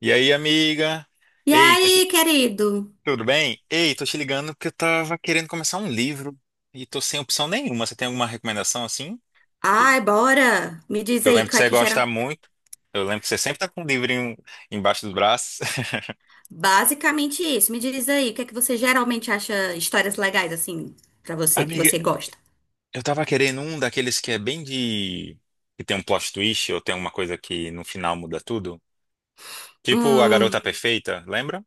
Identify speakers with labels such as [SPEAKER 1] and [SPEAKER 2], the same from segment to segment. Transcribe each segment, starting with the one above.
[SPEAKER 1] E aí, amiga?
[SPEAKER 2] E
[SPEAKER 1] Ei, tô te-
[SPEAKER 2] aí, querido?
[SPEAKER 1] Tudo bem? Ei, tô te ligando porque eu tava querendo começar um livro e tô sem opção nenhuma. Você tem alguma recomendação assim?
[SPEAKER 2] Ai, bora! Me diz
[SPEAKER 1] Eu
[SPEAKER 2] aí, o
[SPEAKER 1] lembro que
[SPEAKER 2] que é
[SPEAKER 1] você
[SPEAKER 2] que
[SPEAKER 1] gosta
[SPEAKER 2] gera?
[SPEAKER 1] muito. Eu lembro que você sempre tá com um livrinho embaixo dos braços.
[SPEAKER 2] Basicamente isso. Me diz aí, o que é que você geralmente acha histórias legais, assim, pra você, que
[SPEAKER 1] Amiga,
[SPEAKER 2] você gosta?
[SPEAKER 1] eu tava querendo um daqueles que é bem que tem um plot twist ou tem alguma coisa que no final muda tudo. Tipo A Garota
[SPEAKER 2] Hum,
[SPEAKER 1] Perfeita, lembra?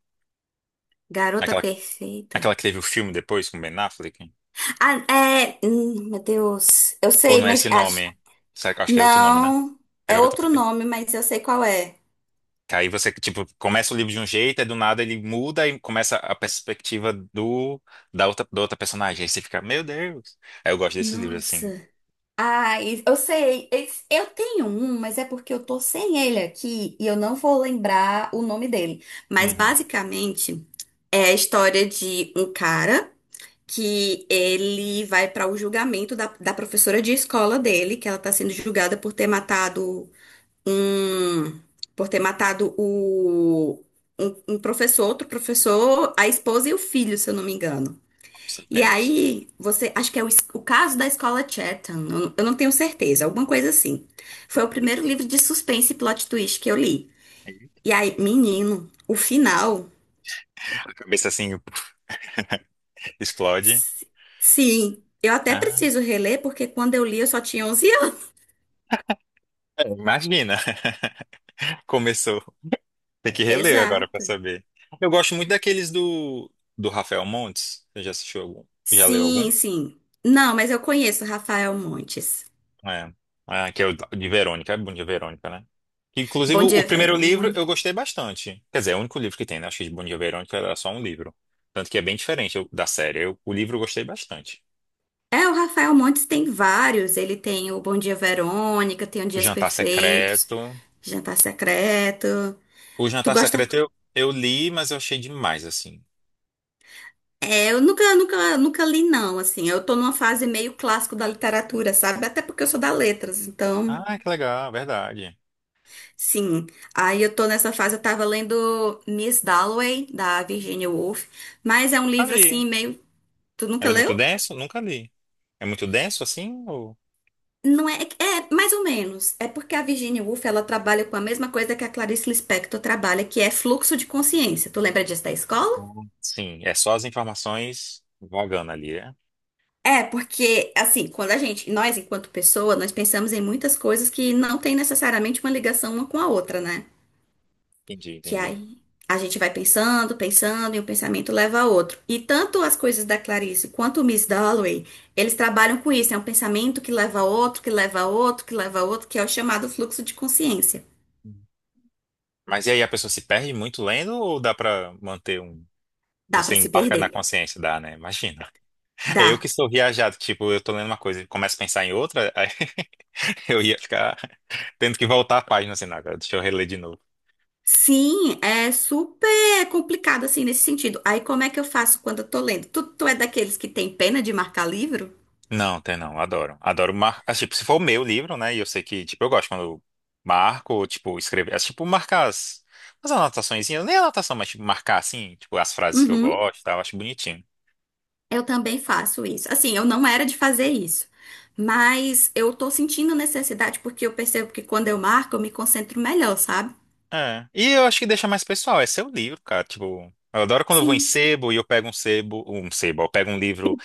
[SPEAKER 2] Garota
[SPEAKER 1] Aquela,
[SPEAKER 2] Perfeita.
[SPEAKER 1] aquela que teve o filme depois com Ben Affleck.
[SPEAKER 2] Ah, é. Meu Deus. Eu
[SPEAKER 1] Ou
[SPEAKER 2] sei,
[SPEAKER 1] não é
[SPEAKER 2] mas
[SPEAKER 1] esse
[SPEAKER 2] acho.
[SPEAKER 1] nome? Acho que é outro nome, né?
[SPEAKER 2] Não,
[SPEAKER 1] A
[SPEAKER 2] é
[SPEAKER 1] Garota
[SPEAKER 2] outro
[SPEAKER 1] Perfeita.
[SPEAKER 2] nome, mas eu sei qual é.
[SPEAKER 1] Que aí você, tipo, começa o livro de um jeito, aí do nada ele muda e começa a perspectiva da outra personagem. Aí você fica, meu Deus. Aí eu gosto desses livros, assim.
[SPEAKER 2] Nossa. Ah, eu sei. Eu tenho um, mas é porque eu tô sem ele aqui e eu não vou lembrar o nome dele. Mas
[SPEAKER 1] Uhum.
[SPEAKER 2] basicamente é a história de um cara que ele vai para o julgamento da professora de escola dele, que ela tá sendo julgada por ter matado um, por ter matado o um professor, outro professor, a esposa e o filho, se eu não me engano.
[SPEAKER 1] Nossa,
[SPEAKER 2] E
[SPEAKER 1] apenas.
[SPEAKER 2] aí, você, acho que é o caso da escola Chatham, eu não tenho certeza, alguma coisa assim. Foi o primeiro livro de suspense e plot twist que eu li.
[SPEAKER 1] Aí
[SPEAKER 2] E aí, menino, o final,
[SPEAKER 1] A cabeça, assim, explode.
[SPEAKER 2] s- sim, eu até
[SPEAKER 1] Ah,
[SPEAKER 2] preciso reler, porque quando eu li eu só tinha 11 anos.
[SPEAKER 1] é, imagina. Começou. Tem que reler agora pra
[SPEAKER 2] Exato.
[SPEAKER 1] saber. Eu gosto muito do Rafael Montes. Você já assistiu algum? Já leu algum?
[SPEAKER 2] Sim, sim. Não, mas eu conheço o Rafael Montes.
[SPEAKER 1] É, é, que é o de Verônica, é bom de Verônica, né? Inclusive,
[SPEAKER 2] Bom
[SPEAKER 1] o
[SPEAKER 2] dia,
[SPEAKER 1] primeiro livro eu
[SPEAKER 2] Verônica.
[SPEAKER 1] gostei bastante. Quer dizer, é o único livro que tem, né? Acho que de Bom Dia Verônica era só um livro. Tanto que é bem diferente da série. O livro eu gostei bastante.
[SPEAKER 2] É, o Rafael Montes tem vários. Ele tem o Bom Dia, Verônica, tem o
[SPEAKER 1] O
[SPEAKER 2] Dias
[SPEAKER 1] Jantar
[SPEAKER 2] Perfeitos,
[SPEAKER 1] Secreto.
[SPEAKER 2] Jantar Secreto.
[SPEAKER 1] O
[SPEAKER 2] Tu
[SPEAKER 1] Jantar
[SPEAKER 2] gosta?
[SPEAKER 1] Secreto eu li, mas eu achei demais, assim.
[SPEAKER 2] É, eu nunca, nunca, nunca li, não, assim. Eu tô numa fase meio clássico da literatura, sabe? Até porque eu sou da letras, então,
[SPEAKER 1] Ah, que legal, verdade.
[SPEAKER 2] sim. Aí eu tô nessa fase, eu tava lendo Miss Dalloway, da Virginia Woolf, mas é um livro,
[SPEAKER 1] Ali.
[SPEAKER 2] assim, meio... Tu nunca
[SPEAKER 1] Mas é muito
[SPEAKER 2] leu?
[SPEAKER 1] denso? Nunca li. É muito denso assim? Ou...
[SPEAKER 2] Não é... É, mais ou menos. É porque a Virginia Woolf, ela trabalha com a mesma coisa que a Clarice Lispector trabalha, que é fluxo de consciência. Tu lembra disso da escola?
[SPEAKER 1] Sim, é só as informações vagando ali, é?
[SPEAKER 2] É, porque, assim, quando a gente, nós enquanto pessoa, nós pensamos em muitas coisas que não tem necessariamente uma ligação uma com a outra, né?
[SPEAKER 1] Entendi,
[SPEAKER 2] Que
[SPEAKER 1] entendi.
[SPEAKER 2] aí a gente vai pensando, pensando, e um pensamento leva a outro. E tanto as coisas da Clarice quanto o Miss Dalloway, eles trabalham com isso. É um pensamento que leva a outro, que leva a outro, que leva a outro, que é o chamado fluxo de consciência.
[SPEAKER 1] Mas e aí a pessoa se perde muito lendo ou dá pra manter um.
[SPEAKER 2] Dá pra
[SPEAKER 1] Você
[SPEAKER 2] se
[SPEAKER 1] embarca
[SPEAKER 2] perder.
[SPEAKER 1] na consciência, dá, né? Imagina. É eu que
[SPEAKER 2] Dá.
[SPEAKER 1] sou viajado, tipo, eu tô lendo uma coisa e começo a pensar em outra, aí eu ia ficar tendo que voltar a página assim, não, agora deixa eu reler de novo.
[SPEAKER 2] Sim, é super complicado assim nesse sentido. Aí como é que eu faço quando eu tô lendo? Tu é daqueles que tem pena de marcar livro?
[SPEAKER 1] Não, tem não, adoro. Adoro ah, tipo, se for o meu livro, né? E eu sei que, tipo, eu gosto quando eu marco, ou, tipo, escrever, é, tipo, as anotaçõezinhas, nem anotação, mas tipo, marcar assim, tipo, as frases que eu
[SPEAKER 2] Uhum,
[SPEAKER 1] gosto, e tal, eu acho bonitinho.
[SPEAKER 2] eu também faço isso. Assim, eu não era de fazer isso, mas eu tô sentindo necessidade porque eu percebo que quando eu marco, eu me concentro melhor, sabe?
[SPEAKER 1] É. E eu acho que deixa mais pessoal, é seu livro, cara. Tipo, eu adoro quando eu vou em
[SPEAKER 2] Sim.
[SPEAKER 1] sebo e eu pego um sebo, eu pego um livro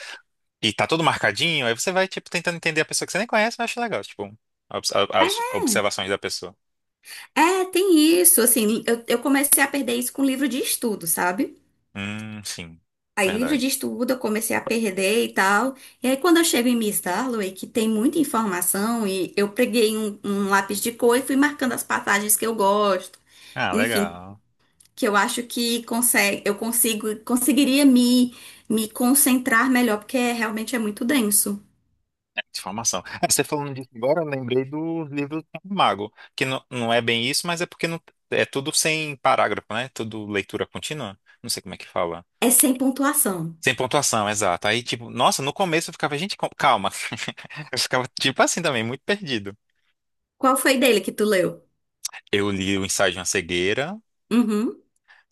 [SPEAKER 1] e tá todo marcadinho, aí você vai, tipo, tentando entender a pessoa que você nem conhece, eu acho legal, tipo, as observações da pessoa.
[SPEAKER 2] É, é, tem isso. Assim, eu comecei a perder isso com livro de estudo, sabe?
[SPEAKER 1] Sim,
[SPEAKER 2] Aí, livro de
[SPEAKER 1] verdade.
[SPEAKER 2] estudo, eu comecei a perder e tal. E aí, quando eu chego em Miss Dalloway, que tem muita informação, e eu peguei um lápis de cor e fui marcando as passagens que eu gosto.
[SPEAKER 1] Ah,
[SPEAKER 2] Enfim,
[SPEAKER 1] legal.
[SPEAKER 2] que eu acho que consegue, eu consigo, conseguiria me concentrar melhor, porque realmente é muito denso.
[SPEAKER 1] É, informação. Ah, você falando disso agora, eu lembrei do livro do Tiago Mago, que não é bem isso, mas é porque é tudo sem parágrafo, né? Tudo leitura contínua. Não sei como é que fala.
[SPEAKER 2] É sem pontuação.
[SPEAKER 1] Sem pontuação, exato. Aí, tipo, nossa, no começo eu ficava, gente, calma. Eu ficava, tipo assim também, muito perdido.
[SPEAKER 2] Qual foi dele que tu leu?
[SPEAKER 1] Eu li o Ensaio de uma Cegueira,
[SPEAKER 2] Uhum.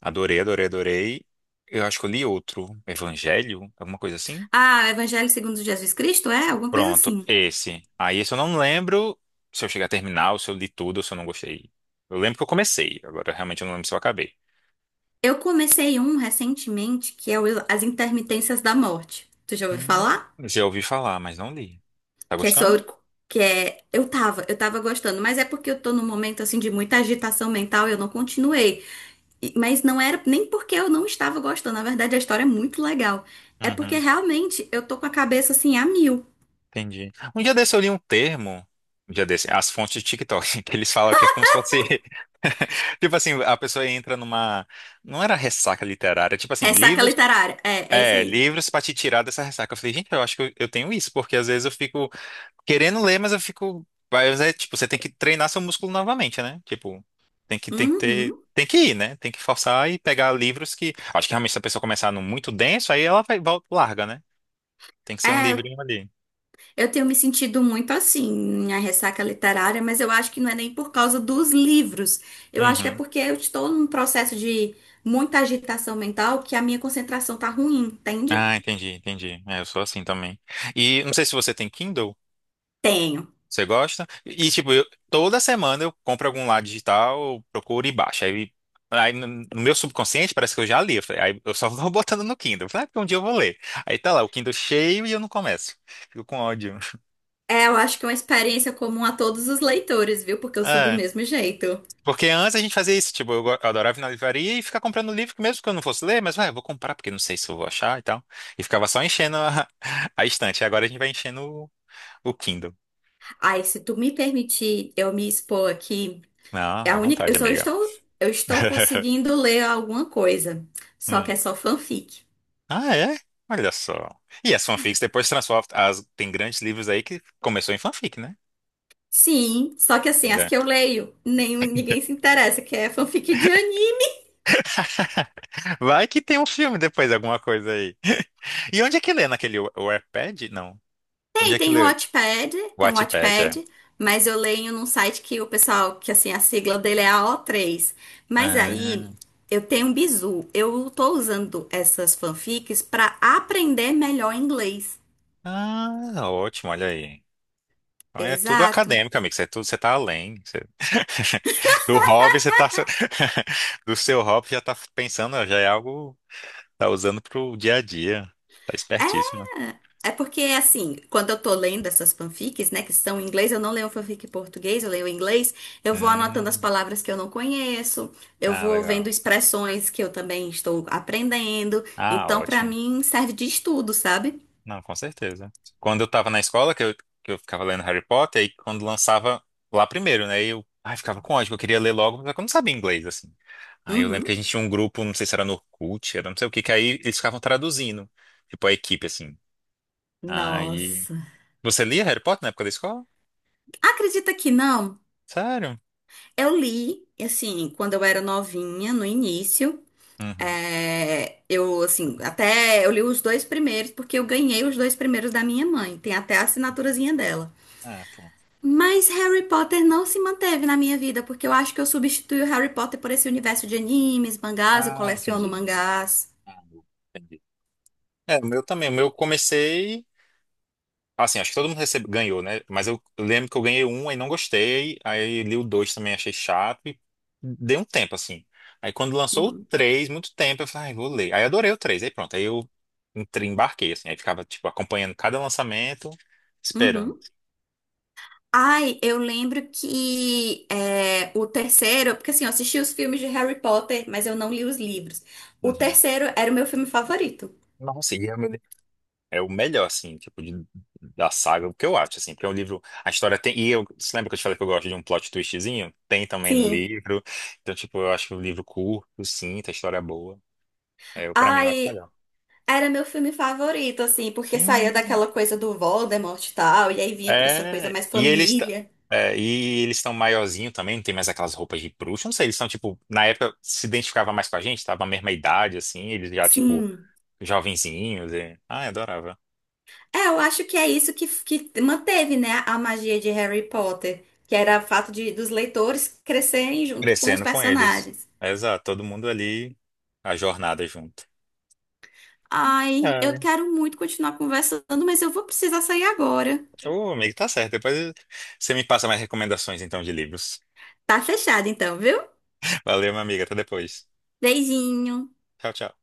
[SPEAKER 1] adorei, adorei, adorei. Eu acho que eu li outro, Evangelho, alguma coisa assim.
[SPEAKER 2] Ah, Evangelho segundo Jesus Cristo? É, alguma coisa
[SPEAKER 1] Pronto,
[SPEAKER 2] assim.
[SPEAKER 1] esse. Aí, esse eu não lembro se eu cheguei a terminar, ou se eu li tudo, ou se eu não gostei. Eu lembro que eu comecei, agora realmente eu não lembro se eu acabei.
[SPEAKER 2] Eu comecei um recentemente, que é o As Intermitências da Morte. Tu já ouviu
[SPEAKER 1] Hum.
[SPEAKER 2] falar?
[SPEAKER 1] Já ouvi falar, mas não li. Tá
[SPEAKER 2] Que é
[SPEAKER 1] gostando?
[SPEAKER 2] sobre... Que é... Eu tava gostando, mas é porque eu tô num momento, assim, de muita agitação mental e eu não continuei. E- Mas não era nem porque eu não estava gostando. Na verdade, a história é muito legal. É porque realmente eu tô com a cabeça assim a mil.
[SPEAKER 1] Entendi. Um dia desse eu li um termo, um dia desse, as fontes de TikTok, que eles falam que é como se fosse. Tipo assim, a pessoa entra numa. Não era ressaca literária, tipo assim,
[SPEAKER 2] Ressaca
[SPEAKER 1] livros.
[SPEAKER 2] literária. É, é isso
[SPEAKER 1] É,
[SPEAKER 2] aí.
[SPEAKER 1] livros pra te tirar dessa ressaca. Eu falei, gente, eu acho que eu tenho isso, porque às vezes eu fico querendo ler, mas eu fico. Mas é, tipo, você tem que treinar seu músculo novamente, né? Tipo, tem que ter.
[SPEAKER 2] Uhum.
[SPEAKER 1] Tem que ir, né? Tem que forçar e pegar livros que. Acho que realmente se a pessoa começar no muito denso, aí ela vai, volta, larga, né? Tem que ser um
[SPEAKER 2] É, eu
[SPEAKER 1] livrinho ali.
[SPEAKER 2] eu tenho me sentido muito assim, a ressaca literária, mas eu acho que não é nem por causa dos livros. Eu acho que é
[SPEAKER 1] Uhum.
[SPEAKER 2] porque eu estou num processo de muita agitação mental que a minha concentração tá ruim, entende?
[SPEAKER 1] Ah, entendi, entendi. É, eu sou assim também. E não sei se você tem Kindle,
[SPEAKER 2] Tenho.
[SPEAKER 1] você gosta? E tipo, toda semana eu compro algum lá digital, eu procuro e baixo. Aí, no meu subconsciente parece que eu já li. Eu falei, aí eu só vou botando no Kindle. Eu falei, ah, porque um dia eu vou ler. Aí tá lá, o Kindle cheio e eu não começo. Fico com ódio.
[SPEAKER 2] É, eu acho que é uma experiência comum a todos os leitores, viu? Porque eu sou do
[SPEAKER 1] É,
[SPEAKER 2] mesmo jeito.
[SPEAKER 1] porque antes a gente fazia isso, tipo, eu adorava ir na livraria e ficar comprando livro, que mesmo que eu não fosse ler, mas vai, eu vou comprar, porque não sei se eu vou achar e tal. E ficava só enchendo a estante. Agora a gente vai enchendo o Kindle.
[SPEAKER 2] Ai, se tu me permitir eu me expor aqui,
[SPEAKER 1] Não,
[SPEAKER 2] é
[SPEAKER 1] à
[SPEAKER 2] a única, eu
[SPEAKER 1] vontade,
[SPEAKER 2] só
[SPEAKER 1] amiga.
[SPEAKER 2] estou, eu estou conseguindo ler alguma coisa, só que
[SPEAKER 1] Hum.
[SPEAKER 2] é só fanfic.
[SPEAKER 1] Ah, é? Olha só. E as fanfics depois se transformam. Tem grandes livros aí que começou em fanfic, né?
[SPEAKER 2] Sim, só que assim, as
[SPEAKER 1] Olha.
[SPEAKER 2] que eu leio, nem, ninguém se interessa, que é fanfic de anime.
[SPEAKER 1] Vai que tem um filme depois, alguma coisa aí. E onde é que lê? Naquele Wattpad? Não. Onde
[SPEAKER 2] Tem,
[SPEAKER 1] é que
[SPEAKER 2] tem o
[SPEAKER 1] lê?
[SPEAKER 2] Wattpad, tem o
[SPEAKER 1] Wattpad, é.
[SPEAKER 2] Wattpad, mas eu leio num site que o pessoal, que assim, a sigla dele é AO3. Mas aí,
[SPEAKER 1] Ah,
[SPEAKER 2] eu tenho um bizu, eu tô usando essas fanfics para aprender melhor inglês.
[SPEAKER 1] ah, ótimo, olha aí. Então é tudo
[SPEAKER 2] Exato.
[SPEAKER 1] acadêmico, amigo. Você tá além. Você- Do hobby, você tá. Do seu hobby já tá pensando, ó, já é algo. Tá usando pro dia a dia. Tá
[SPEAKER 2] É,
[SPEAKER 1] espertíssimo.
[SPEAKER 2] É porque, assim, quando eu tô lendo essas fanfics, né, que são em inglês, eu não leio fanfic em português, eu leio em inglês, eu vou anotando as
[SPEAKER 1] Hum,
[SPEAKER 2] palavras que eu não conheço, eu
[SPEAKER 1] ah,
[SPEAKER 2] vou vendo
[SPEAKER 1] legal.
[SPEAKER 2] expressões que eu também estou aprendendo.
[SPEAKER 1] Ah,
[SPEAKER 2] Então, pra
[SPEAKER 1] ótimo.
[SPEAKER 2] mim, serve de estudo, sabe?
[SPEAKER 1] Não, com certeza. Quando eu tava na escola, que eu ficava lendo Harry Potter, aí quando lançava lá primeiro, né? Eu, ai, ficava com ódio, que eu queria ler logo, mas eu não sabia inglês, assim. Aí eu lembro que
[SPEAKER 2] Uhum.
[SPEAKER 1] a gente tinha um grupo, não sei se era no Orkut, era não sei o que, que aí eles ficavam traduzindo, tipo a equipe, assim. Aí.
[SPEAKER 2] Nossa.
[SPEAKER 1] Você lia Harry Potter na época da escola?
[SPEAKER 2] Acredita que não?
[SPEAKER 1] Sério?
[SPEAKER 2] Eu li, assim, quando eu era novinha, no início.
[SPEAKER 1] Uhum.
[SPEAKER 2] É, eu, assim, até eu li os dois primeiros, porque eu ganhei os dois primeiros da minha mãe. Tem até a assinaturazinha dela.
[SPEAKER 1] Ah, pô.
[SPEAKER 2] Mas Harry Potter não se manteve na minha vida, porque eu acho que eu substituí o Harry Potter por esse universo de animes, mangás, eu
[SPEAKER 1] Ah,
[SPEAKER 2] coleciono
[SPEAKER 1] entendi.
[SPEAKER 2] mangás.
[SPEAKER 1] Ah, entendi. É, o meu também. O meu eu comecei. Assim, acho que todo mundo recebe, ganhou, né? Mas eu lembro que eu ganhei um e não gostei. Aí li o dois também, achei chato. E dei um tempo, assim. Aí quando lançou o
[SPEAKER 2] Uhum.
[SPEAKER 1] três, muito tempo, eu falei, ai, vou ler. Aí adorei o três. Aí pronto, aí eu entrei, embarquei, assim. Aí ficava, tipo, acompanhando cada lançamento, esperando.
[SPEAKER 2] Uhum. Ai, eu lembro que é, o terceiro, porque assim, eu assisti os filmes de Harry Potter, mas eu não li os livros. O
[SPEAKER 1] Uhum.
[SPEAKER 2] terceiro era o meu filme favorito.
[SPEAKER 1] Nossa, e é o, é o melhor, assim, tipo, da saga, o que eu acho, assim. Porque é um livro, a história tem... E eu, você lembra que eu te falei que eu gosto de um plot twistzinho? Tem também no
[SPEAKER 2] Sim.
[SPEAKER 1] livro. Então, tipo, eu acho que o livro curto, sim, a história é boa. É, eu, para mim, eu acho
[SPEAKER 2] Ai,
[SPEAKER 1] melhor.
[SPEAKER 2] era meu filme favorito, assim, porque saía
[SPEAKER 1] Sim.
[SPEAKER 2] daquela coisa do Voldemort e tal, e aí vinha pra essa coisa
[SPEAKER 1] É.
[SPEAKER 2] mais
[SPEAKER 1] E eles estão.
[SPEAKER 2] família.
[SPEAKER 1] E eles estão maiorzinho também, não tem mais aquelas roupas de bruxa. Não sei, eles estão, tipo, na época se identificava mais com a gente, tava a mesma idade, assim, eles já, tipo,
[SPEAKER 2] Sim.
[SPEAKER 1] jovenzinhos. E... Ah, eu adorava.
[SPEAKER 2] É, eu acho que é isso que manteve, né, a magia de Harry Potter, que era o fato de, dos leitores crescerem junto com os
[SPEAKER 1] Crescendo com eles.
[SPEAKER 2] personagens.
[SPEAKER 1] Exato, todo mundo ali, a jornada junto.
[SPEAKER 2] Ai, eu
[SPEAKER 1] Ai.
[SPEAKER 2] quero muito continuar conversando, mas eu vou precisar sair agora.
[SPEAKER 1] Ô, amigo, tá certo. Depois você me passa mais recomendações, então, de livros.
[SPEAKER 2] Tá fechado então, viu?
[SPEAKER 1] Valeu, minha amiga. Até depois.
[SPEAKER 2] Beijinho.
[SPEAKER 1] Tchau, tchau.